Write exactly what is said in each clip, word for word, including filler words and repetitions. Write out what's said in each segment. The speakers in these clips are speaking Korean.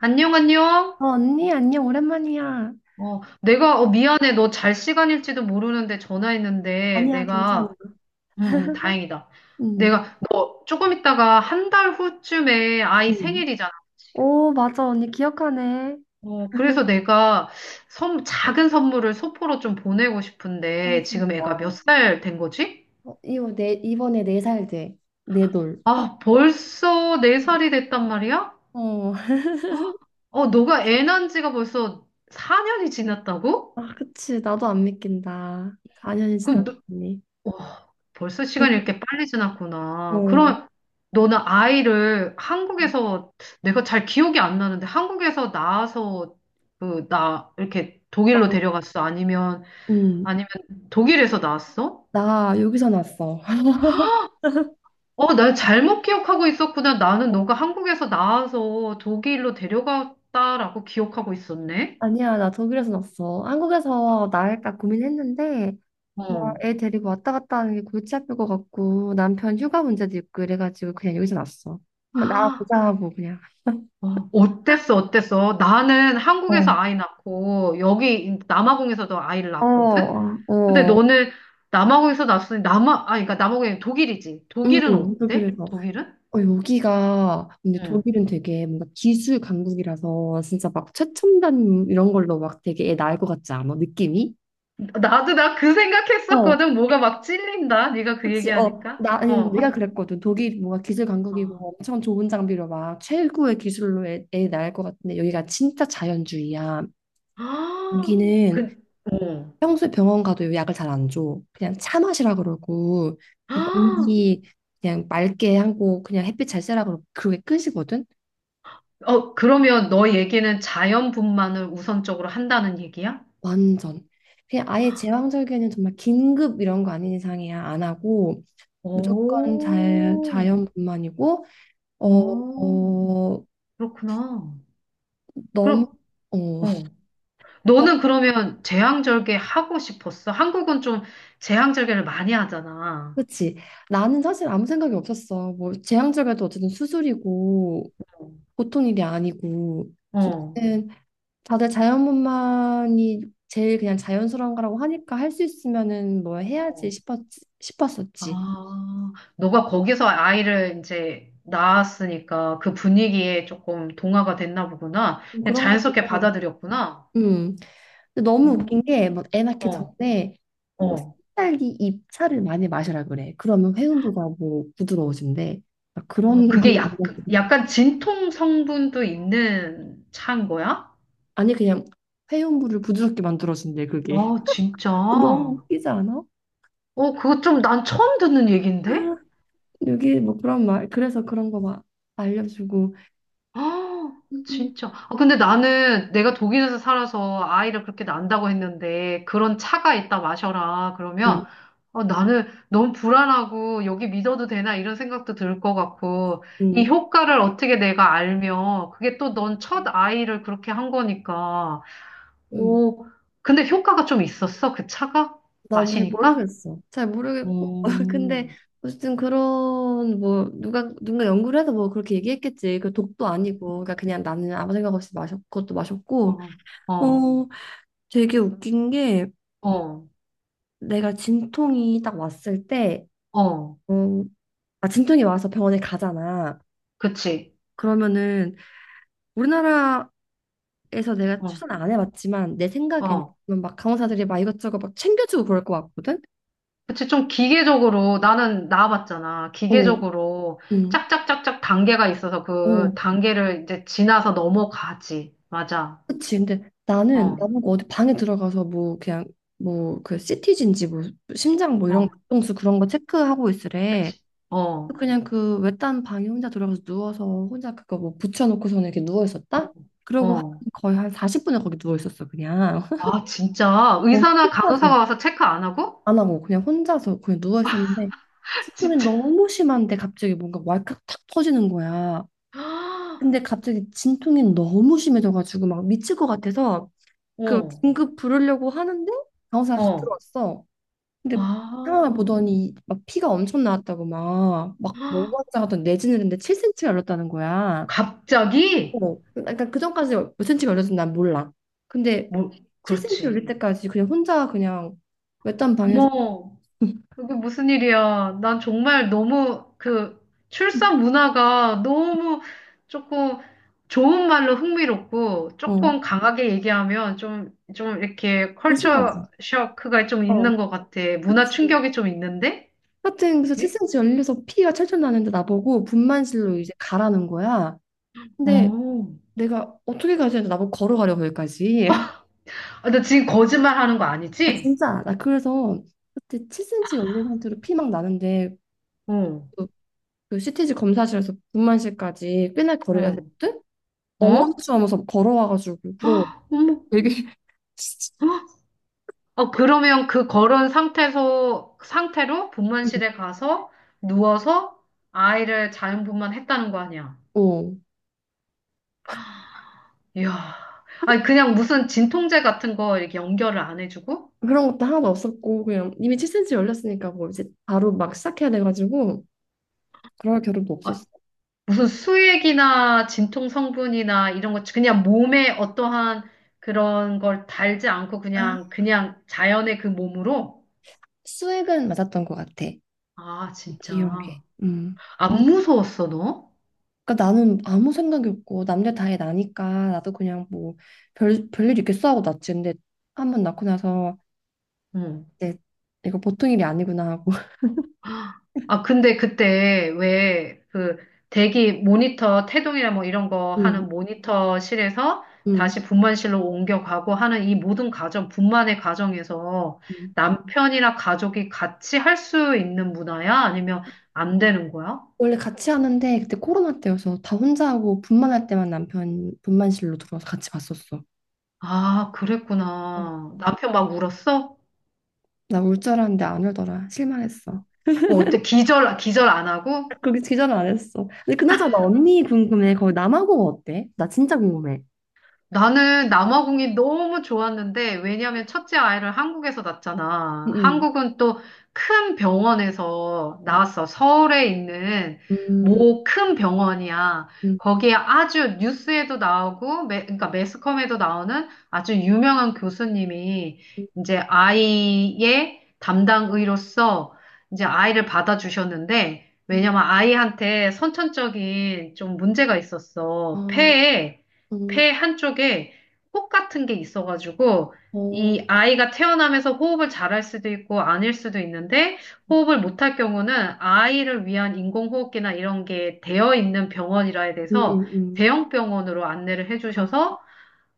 안녕, 안녕. 어, 언니, 안녕, 오랜만이야. 어, 내가, 어, 미안해. 너 잘 시간일지도 모르는데 전화했는데, 아니야, 괜찮아. 내가, 음, 음, 다행이다. 응, 내가, 너 조금 있다가 한 달 후쯤에 아이 응. 생일이잖아. 그치? 오, 맞아, 언니, 기억하네. 어, 그래서 내가 선, 작은 선물을 소포로 좀 보내고 아, 싶은데, 지금 진짜? 애가 몇 살 된 거지? 어, 이거 내, 이번에 네 살 돼. 네 돌. 아, 벌써 네살이 됐단 말이야? 어, 어, 너가 애 낳은 지가 벌써 사 년이 지났다고? 아, 그치, 나도 안 믿긴다. 사 년이 그럼 너, 지났더니. 어, 벌써 시간이 이렇게 빨리 지났구나. 어, 그럼 너는 아이를 한국에서 내가 잘 기억이 안 나는데 한국에서 낳아서 그 나 이렇게 독일로 나, 데려갔어? 아니면 응, 아니면 독일에서 낳았어? 나 여기서 났어. 어, 나 잘못 기억하고 있었구나. 나는 너가 한국에서 낳아서 독일로 데려갔다라고 기억하고 있었네. 아니야, 나 독일에서 났어. 한국에서 나을까 고민했는데, 뭐, 어. 애 데리고 왔다 갔다 하는 게 골치 아플 것 같고, 남편 휴가 문제도 있고, 이래가지고 그냥 여기서 났어. 한번 아, 나가보자 하고, 그냥. 어, 어땠어? 어땠어? 나는 한국에서 어, 아이 낳고 여기 남아공에서도 아이를 어, 낳았거든. 근데 어, 너는 남아공에서 났으니 남아 아 그러니까 남아공이 독일이지. 독일은 음, 어때? 독일에서. 독일은? 어, 여기가, 근데 응. 독일은 되게 뭔가 기술 강국이라서, 진짜 막 최첨단 이런 걸로 막 되게 애 낳을 것 같지 않아? 느낌이? 나도 나 그 어, 생각했었거든. 뭐가 막 찔린다. 네가 그 그치, 어, 얘기하니까. 나, 아니, 어. 내가 그랬거든. 독일 뭔가 기술 아, 강국이고 엄청 좋은 장비로 막 최고의 기술로 애, 애 낳을 것 같은데 여기가 진짜 자연주의야. 아, 여기는 그, 어. 평소에 병원 가도 약을 잘 안 줘. 그냥 차 마시라 그러고, 아, 그냥 공기 그냥 맑게 하고, 그냥 햇빛 잘 쐬라 그러고, 그게 끝이거든? 어, 그러면 너 얘기는 자연분만을 우선적으로 한다는 얘기야? 완전. 그냥 아예 제왕절개는 정말 긴급 이런 거 아닌 이상이야. 안 하고, 무조건 자, 오, 자연뿐만이고, 어, 어, 어, 그렇구나. 너무, 그럼, 어. 어. 너는 그러면 제왕절개 하고 싶었어? 한국은 좀 제왕절개를 많이 하잖아. 그치? 나는 사실 아무 생각이 없었어. 뭐 재앙절개도 어쨌든 수술이고 보통 일이 아니고. 그래서 어. 나는 다들 자연분만이 제일 그냥 자연스러운 거라고 하니까 할 수 있으면은 뭐 해야지 어. 싶었, 싶었었지. 아, 너가 거기서 아이를 이제 낳았으니까 그 분위기에 조금 동화가 됐나 보구나. 좀 그냥 그런 것도 자연스럽게 있던 것 같아. 받아들였구나. 음. 근데 너무 웃긴 음. 게 뭐 애 낳기 어, 전에 뭐 어. 산딸기 잎차를 많이 마시라 그래. 그러면 회음부가 뭐 부드러워진대. 나 어, 그런 건 그게 약, 아니고. 약간 진통 성분도 있는 차인 거야? 아니 그냥 회음부를 부드럽게 만들어준대 그게. 어, 진짜. 너무 어, 웃기지 않아? 그거 좀 난 처음 듣는 아. 얘긴데? 여기 뭐 그런 말 그래서 그런 거 막 알려주고. 아, 음, 진짜. 아, 근데 나는 내가 독일에서 살아서 아이를 그렇게 낳는다고 했는데 그런 차가 있다 마셔라. 음, 그러면 어, 나는 너무 불안하고 여기 믿어도 되나 이런 생각도 들 것 같고 이 음, 효과를 어떻게 내가 알면 그게 또 넌 첫 아이를 그렇게 한 거니까. 음. 오, 근데 효과가 좀 있었어? 그 차가? 난 잘 마시니까? 모르겠어 잘 모르겠고 근데 오 어쨌든 그런 뭐 누가 누가 연구를 해서 뭐 그렇게 얘기했겠지 그 독도 아니고 그러니까 그냥 나는 아무 생각 없이 마셨 그것도 마셨고. 어, 어, 어 되게 웃긴 게, 어, 내가 진통이 딱 왔을 때, 어, 어 아 진통이 와서 병원에 가잖아. 그치. 그러면은 우리나라 에서 내가 어, 추천 안 해봤지만 내 생각에는 어. 막 간호사들이 막 이것저것 막 챙겨주고 그럴 것 같거든. 그치, 좀 기계적으로, 나는 나와봤잖아. 어, 기계적으로 응, 짝짝짝짝 단계가 있어서 어, 그 단계를 이제 지나서 넘어가지. 맞아. 그치. 근데 나는 어, 나보고 어디 방에 들어가서 뭐 그냥 뭐그티지인지 뭐 심장 뭐 이런 어, 박동수 그런 거 체크하고 있으래. 그치. 어, 그냥 그 외딴 방에 혼자 들어가서 누워서 혼자 그거 뭐 붙여놓고서는 이렇게 누워 어, 있었다. 그러고 한- 어. 거의 한 사십 분을 거기 누워 있었어 그냥. 아, 진짜? 뭐 의사나 혼자서 간호사가 와서 체크 안 하고? 안 하고 그냥 혼자서 그냥 누워 있었는데. 진통이 진짜. 너무 심한데 갑자기 뭔가 왈칵 탁 터지는 거야. 근데 갑자기 진통이 너무 심해져가지고 막 미칠 것 같아서 그 어, 긴급 부르려고 하는데 간호사가 확 어. 들어왔어. 근데 상황을 아, 보더니 막 피가 엄청 나왔다고 막 막 뭐가 하던 내진을 했는데 칠 센티미터가 열렸다는 거야. 갑자기? 어, 그러니까 그 전까지 몇 cm가 열렸는지 난 몰라. 근데 뭐, 칠 센티미터 열릴 그렇지. 때까지 그냥 혼자 그냥 외딴 방에서. 뭐, 이게 무슨 일이야? 난 정말 너무 그 출산 문화가 너무 조금 좋은 말로 흥미롭고 어, 조금 강하게 얘기하면 좀, 좀 이렇게 컬처 조심하지. 쇼크가 좀 있는 어, 것 같아. 문화 그치. 충격이 좀 있는데? 하여튼 그래서 예? 칠 센티미터 열려서 피가 철철 나는데 나보고 분만실로 이제 음. 가라는 거야. 근데 어. 내가 어떻게 가야 되는데 나보고 걸어가려고 거기까지. 아, 나 지금 거짓말 하는 거 아 아니지? 진짜 나 그래서 그때 칠 센티미터 열린 상태로 피 막 나는데, 어, 그, 그 씨티지 검사실에서 분만실까지 꽤나 거리가 어, 됐거든? 어? 엉거주춤하면서 걸어와가지고 그러고 어머. 되게. 어, 그러면 그 걸은 상태에서, 상태로 음, 분만실에 가서 누워서 아이를 자연분만했다는 거 아니야. 어 이야. 아니, 그냥 무슨 진통제 같은 거 이렇게 연결을 안 해주고, 그런 것도 하나도 없었고 그냥 이미 칠 센티미터 열렸으니까 뭐 이제 바로 막 시작해야 돼가지고 그럴 겨를도 아, 없었어. 무슨 수액이나 진통 성분이나 이런 거, 그냥 몸에 어떠한 그런 걸 달지 않고 아, 그냥, 그냥 자연의 그 몸으로? 수액은 맞았던 것 같아. 아, 기억에. 진짜. 음. 안 음. 무서웠어, 너? 그러니까 나는 아무 생각이 없고 남들 다해 나니까 나도 그냥 뭐 별, 별일 있겠어 하고 낳지. 근데 한번 낳고 나서 응. 이제 이거 보통 일이 아니구나 하고. 아, 근데 그때 왜 그 대기 모니터, 태동이나 뭐 이런 거 음, 하는 모니터실에서 음, 다시 분만실로 옮겨가고 하는 이 모든 과정, 분만의 과정에서 음. 남편이나 가족이 같이 할 수 있는 문화야? 아니면 안 되는 거야? 원래 같이 하는데 그때 코로나 때여서 다 혼자 하고 분만할 때만 남편 분만실로 들어와서 같이 봤었어. 아, 그랬구나. 남편 막 울었어? 나 울 줄 알았는데 안 울더라. 실망했어. 뭐 어때? 기절, 기절 안 하고? 거기 기절 안 했어. 근데 그나저나 언니 궁금해. 거기 남아공 어때? 나 진짜 궁금해. 나는 남아공이 너무 좋았는데, 왜냐면 첫째 아이를 한국에서 낳잖아. 응, 한국은 또 큰 병원에서 응. 낳았어. 서울에 있는 음, 모 큰 병원이야. 음, 거기에 아주 뉴스에도 나오고, 매, 그러니까 매스컴에도 나오는 아주 유명한 교수님이 이제 아이의 담당 의로서 이제 아이를 받아주셨는데, 음. 왜냐면 아이한테 선천적인 좀 문제가 있었어. 어, 폐에 음, 폐 한쪽에 혹 같은 게 있어가지고 어, 이 아이가 태어나면서 호흡을 잘 할 수도 있고 아닐 수도 있는데 호흡을 못 할 경우는 아이를 위한 인공호흡기나 이런 게 되어 있는 병원이라 음, 음, 해서 음. 대형 병원으로 안내를 아, 해주셔서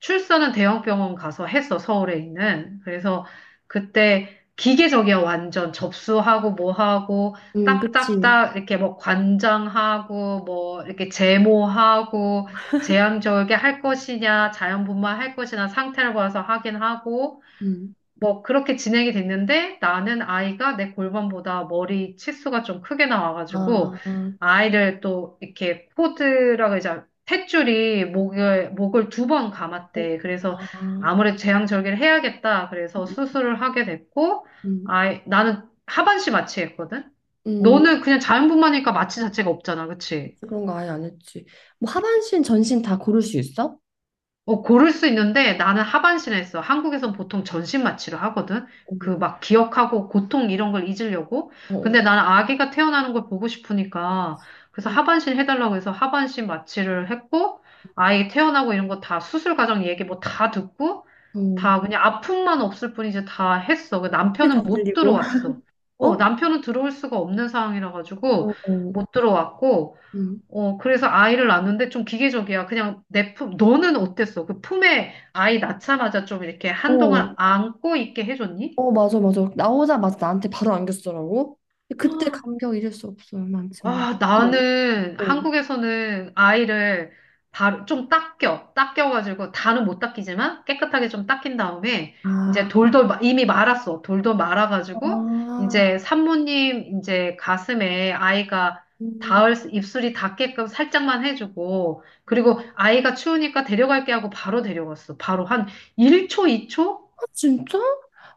출산은 대형 병원 가서 했어, 서울에 있는. 그래서 그때 기계적이야, 완전. 접수하고, 뭐 하고, 음, 그치. 딱딱딱, 이렇게 뭐 관장하고, 뭐, 이렇게 제모하고, 제왕절개 할 것이냐, 자연분만 할 것이냐, 상태를 봐서 하긴 하고, 음. 뭐 그렇게 진행이 됐는데 나는 아이가 내 골반보다 머리 치수가 좀 크게 아, 나와가지고 어, 아이를 또 이렇게 코드라고 이제 탯줄이 목을 목을 두 번 감았대. 그래서 아, 아무래도 재앙절개를 해야겠다. 그래서 음, 수술을 하게 됐고 음, 아이 나는 하반신 마취했거든. 음, 너는 그냥 자연분만이니까 마취 자체가 없잖아, 그치? 그런 거 아예 안 했지. 뭐 하반신, 전신 다 고를 수 있어? 어, 고를 수 있는데 나는 하반신에 했어. 한국에선 보통 전신 마취를 하거든. 그 어, 막 기억하고 고통 이런 걸 잊으려고. 어, 근데 나는 아기가 태어나는 걸 보고 싶으니까 그래서 어, 하반신 해달라고 해서 하반신 마취를 했고 아이 태어나고 이런 거 다 수술 과정 얘기 뭐 다 듣고 어. 다 그냥 아픔만 없을 뿐이지 다 했어. 그 근데 남편은 다 못 들리고. 들어왔어. 어? 어, 어, 남편은 들어올 수가 없는 상황이라 가지고 어, 못 들어왔고 음. 어, 그래서 아이를 낳는데 좀 기계적이야. 그냥 내 품, 너는 어땠어? 그 품에 아이 낳자마자 좀 이렇게 한동안 어, 안고 있게 해줬니? 어, 맞아, 맞아. 나오자마자 나한테 바로 안겼더라고. 근데 그때 감격 잊을 수 없어요, 많지만. 아, 네. 나는 어. 한국에서는 아이를 바로 좀 닦여, 닦여가지고 다는 못 닦이지만 깨끗하게 좀 닦인 다음에 아, 이제 돌돌 마- 이미 말았어. 돌돌 말아가지고 아, 이제 산모님 이제 가슴에 아이가 닿을 수- 입술이 닿게끔 살짝만 해주고 그리고 아이가 추우니까 데려갈게 하고 바로 데려갔어. 바로 한 일 초, 이 초? 아 진짜?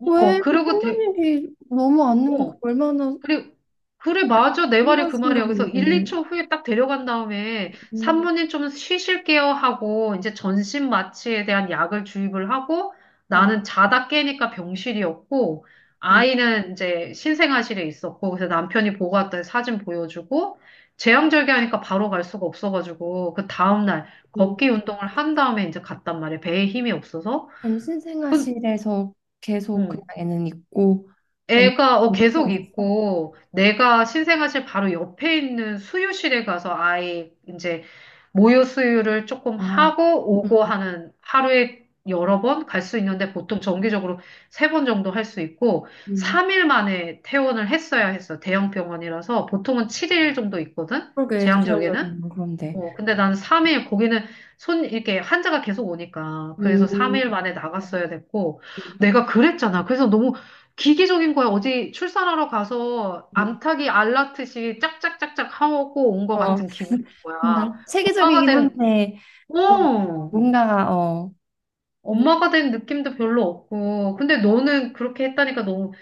어, 왜? 그 그러고 끝난 데, 일이 너무 않는 거 어, 얼마나 그래, 그래, 맞아. 내 말이 신난 그 말이야. 그래서 일, 순간인데. 이 초 후에 딱 데려간 다음에 음, 산모님 좀 쉬실게요 하고 이제 전신 마취에 대한 약을 주입을 하고 어, 나는 자다 깨니까 병실이었고 어, 아이는 이제 신생아실에 있었고 그래서 남편이 보고 왔더니 사진 보여주고 재앙절개하니까 바로 갈 수가 없어가지고 그 다음날 음. 걷기 운동을 한 다음에 이제 갔단 말이야. 배에 힘이 없어서. 그럼 그, 신생아실에서 계속 그냥 응. 애는 있고. 언니 애가 어, 어디서 계속 왔어? 있고 내가 신생아실 바로 옆에 있는 수유실에 가서 아이 이제 모유 수유를 조금 아, 하고 오고 하는 하루에 여러 번 갈 수 있는데 보통 정기적으로 세 번 정도 할 수 있고 음. 삼 일 만에 퇴원을 했어야 했어. 대형 병원이라서 보통은 칠 일 정도 있거든. 그러게 제한적에는. 제한적인 거 그런데. 어, 근데 난 삼 일, 거기는 손, 이렇게 환자가 계속 오니까. 그래서 음, 삼 일 만에 나갔어야 됐고. 음, 내가 그랬잖아. 그래서 너무 기기적인 거야. 어디 출산하러 가서 음. 암탉이 알라듯이 짝짝짝짝 하고 온 것 어, 같은 기분인 음, 나 거야. 엄마가 세계적이긴 된, 한데 좀 어! 뭔가 어. 엄마가 된 느낌도 별로 없고. 근데 너는 그렇게 했다니까 너무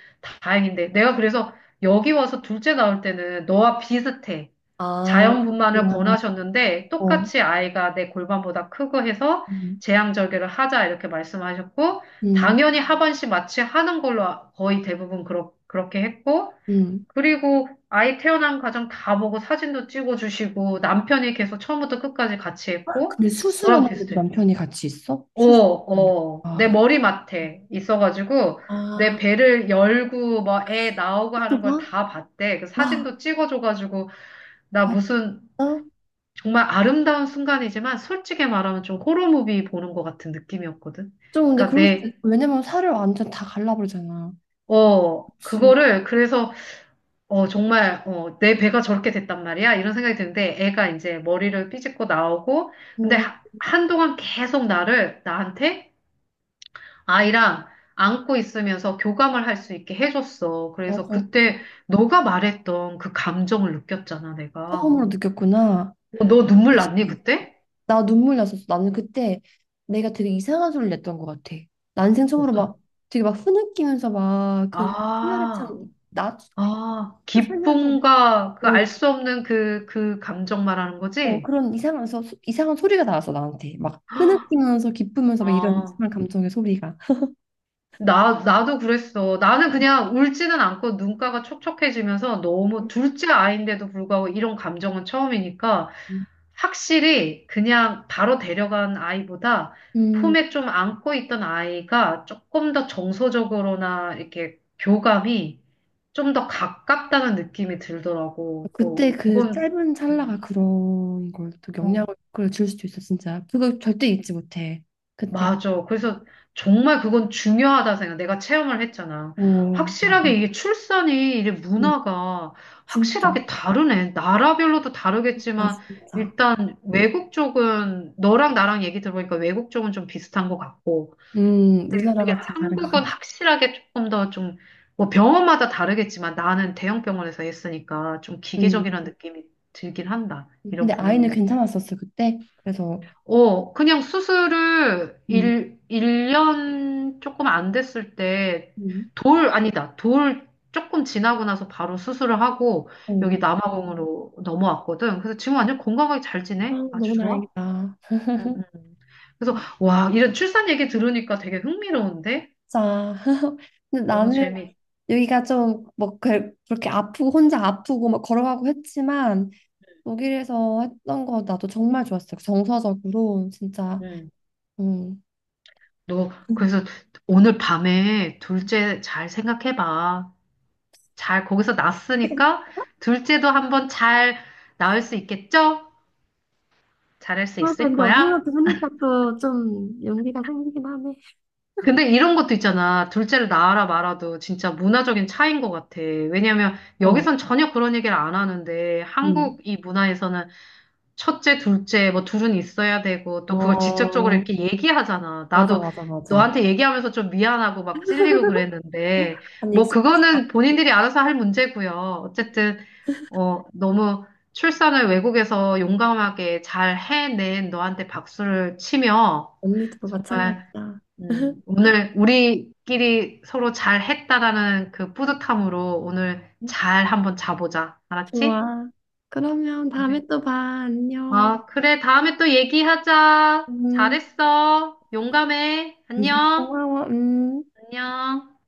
다행인데. 내가 그래서 여기 와서 둘째 낳을 때는 너와 비슷해. 아, 자연분만을 그렇구나. 권하셨는데 어. 똑같이 아이가 내 골반보다 크고 해서 음. 제왕절개를 하자 이렇게 말씀하셨고 음. 당연히 하반신 마취 하는 걸로 아, 거의 대부분 그렇, 그렇게 했고 음. 그리고 아이 태어난 과정 다 보고 사진도 찍어주시고 남편이 계속 처음부터 끝까지 같이 했고 근데 너랑 수술하는 데 도 비슷해. 남편이 같이 있어? 어, 수술. 어, 내 아, 머리맡에 있어가지고 내 아, 배를 열고 막 애 나오고 하는 걸 수술방? 다 봤대. 그 와, 사진도 찍어줘가지고 나 아, 무슨 진짜? 정말 아름다운 순간이지만 솔직히 말하면 좀 호러무비 보는 것 같은 느낌이었거든. 좀 근데 그러니까 그럴 수 있어. 내, 왜냐면 살을 완전 다 갈라버리잖아. 어, 그치. 그거를 그래서 어, 정말 어, 내 배가 저렇게 됐단 말이야. 이런 생각이 드는데 애가 이제 머리를 삐집고 나오고 근데 음, 하- 한동안 계속 나를 나한테 아이랑 안고 있으면서 교감을 할 수 있게 해줬어. 그래서 맞아. 그때 너가 말했던 그 감정을 느꼈잖아, 내가. 처음으로 느꼈구나. 어, 너 눈물 이게 났니, 심- 그때? 나 눈물 났었어. 나는 그때 내가 되게 이상한 소리를 냈던 것 같아. 난생 처음으로 막 어떤? 되게 막 흐느끼면서 막 그 희열에 아, 찬나 아, 살면서 기쁨과 그 뭐 알 수 없는 그, 그 감정 말하는 어, 거지? 그런 이상해서 소- 이상한 소리가 나왔어. 나한테 막 흐느끼면서 기쁘면서 막 이런 아, 이상한 감정의 소리가. 나, 나도 그랬어. 나는 그냥 울지는 않고 눈가가 촉촉해지면서 너무 둘째 아이인데도 불구하고 이런 감정은 처음이니까 음, 확실히 그냥 바로 데려간 아이보다 음, 품에 좀 안고 있던 아이가 조금 더 정서적으로나 이렇게 교감이 좀 더 가깝다는 느낌이 들더라고. 뭐, 그때 그 그건, 짧은 음, 찰나가 그런 걸 또 영향을 어. 그걸 줄 수도 있어. 진짜 그거 절대 잊지 못해 그때. 맞아. 그래서 정말 그건 중요하다 생각. 내가 체험을 했잖아. 오, 나도. 확실하게 이게 출산이 이게 음, 문화가 진짜. 확실하게 다르네. 나라별로도 아 다르겠지만 진짜. 일단 외국 쪽은 너랑 나랑 얘기 들어보니까 외국 쪽은 좀 비슷한 것 같고. 음 근데 우리 우리나라가 좀 다른 것 한국은 같아. 확실하게 조금 더 좀 뭐 병원마다 다르겠지만 나는 대형 병원에서 했으니까 좀 음. 기계적이라는 느낌이 들긴 한다. 이런 근데 아이는 부분에서. 괜찮았었어 그때 그래서. 어, 그냥 수술을 음, 일 1년 조금 안 됐을 때, 음, 돌, 아니다, 돌 조금 지나고 나서 바로 수술을 하고, 여기 어. 남아공으로 넘어왔거든. 그래서 지금 완전 건강하게 잘 아, 지내? 아주 너무 좋아? 다행이다. 응, 응. 자 그래서, 와, 이런 출산 얘기 들으니까 되게 흥미로운데? 짜 근데 너무 나는 재미, 여기가 좀뭐 그, 그렇게 아프고 혼자 아프고 막 걸어가고 했지만 독일에서 했던 거 나도 정말 좋았어요. 그 정서적으로 진짜. 응. 음. 너, 그래서 오늘 밤에 둘째 잘 생각해봐. 잘, 거기서 낳았으니까, 둘째도 한번 잘 낳을 수 있겠죠? 잘할 수 아, 있을 근데 어디 거야? 가서 하니까 또 좀 용기가 생기긴 하네. 근데 이런 것도 있잖아. 둘째를 낳아라 말아도 진짜 문화적인 차이인 것 같아. 왜냐면 어, 여기선 전혀 그런 얘기를 안 하는데 음. 한국 이 문화에서는 첫째, 둘째 뭐 둘은 있어야 되고 또 그걸 직접적으로 어, 이렇게 얘기하잖아. 맞아, 나도 맞아, 맞아. 너한테 얘기하면서 좀 미안하고 막 찔리고 그랬는데 아니, 뭐 익숙하지 않아. 그거는 본인들이 알아서 할 문제고요. 어쨌든 어 너무 출산을 외국에서 용감하게 잘 해낸 너한테 박수를 치며 언니도 마찬가지야. 음, 오늘 우리끼리 서로 잘 했다라는 그 뿌듯함으로 오늘 잘 한번 자보자. 알았지? 좋아. 그러면 다음에 그래. 또 봐. 안녕. 아, 그래. 다음에 또 얘기하자. 음, 잘했어. 용감해. 안녕. 고마워. 음. 안녕.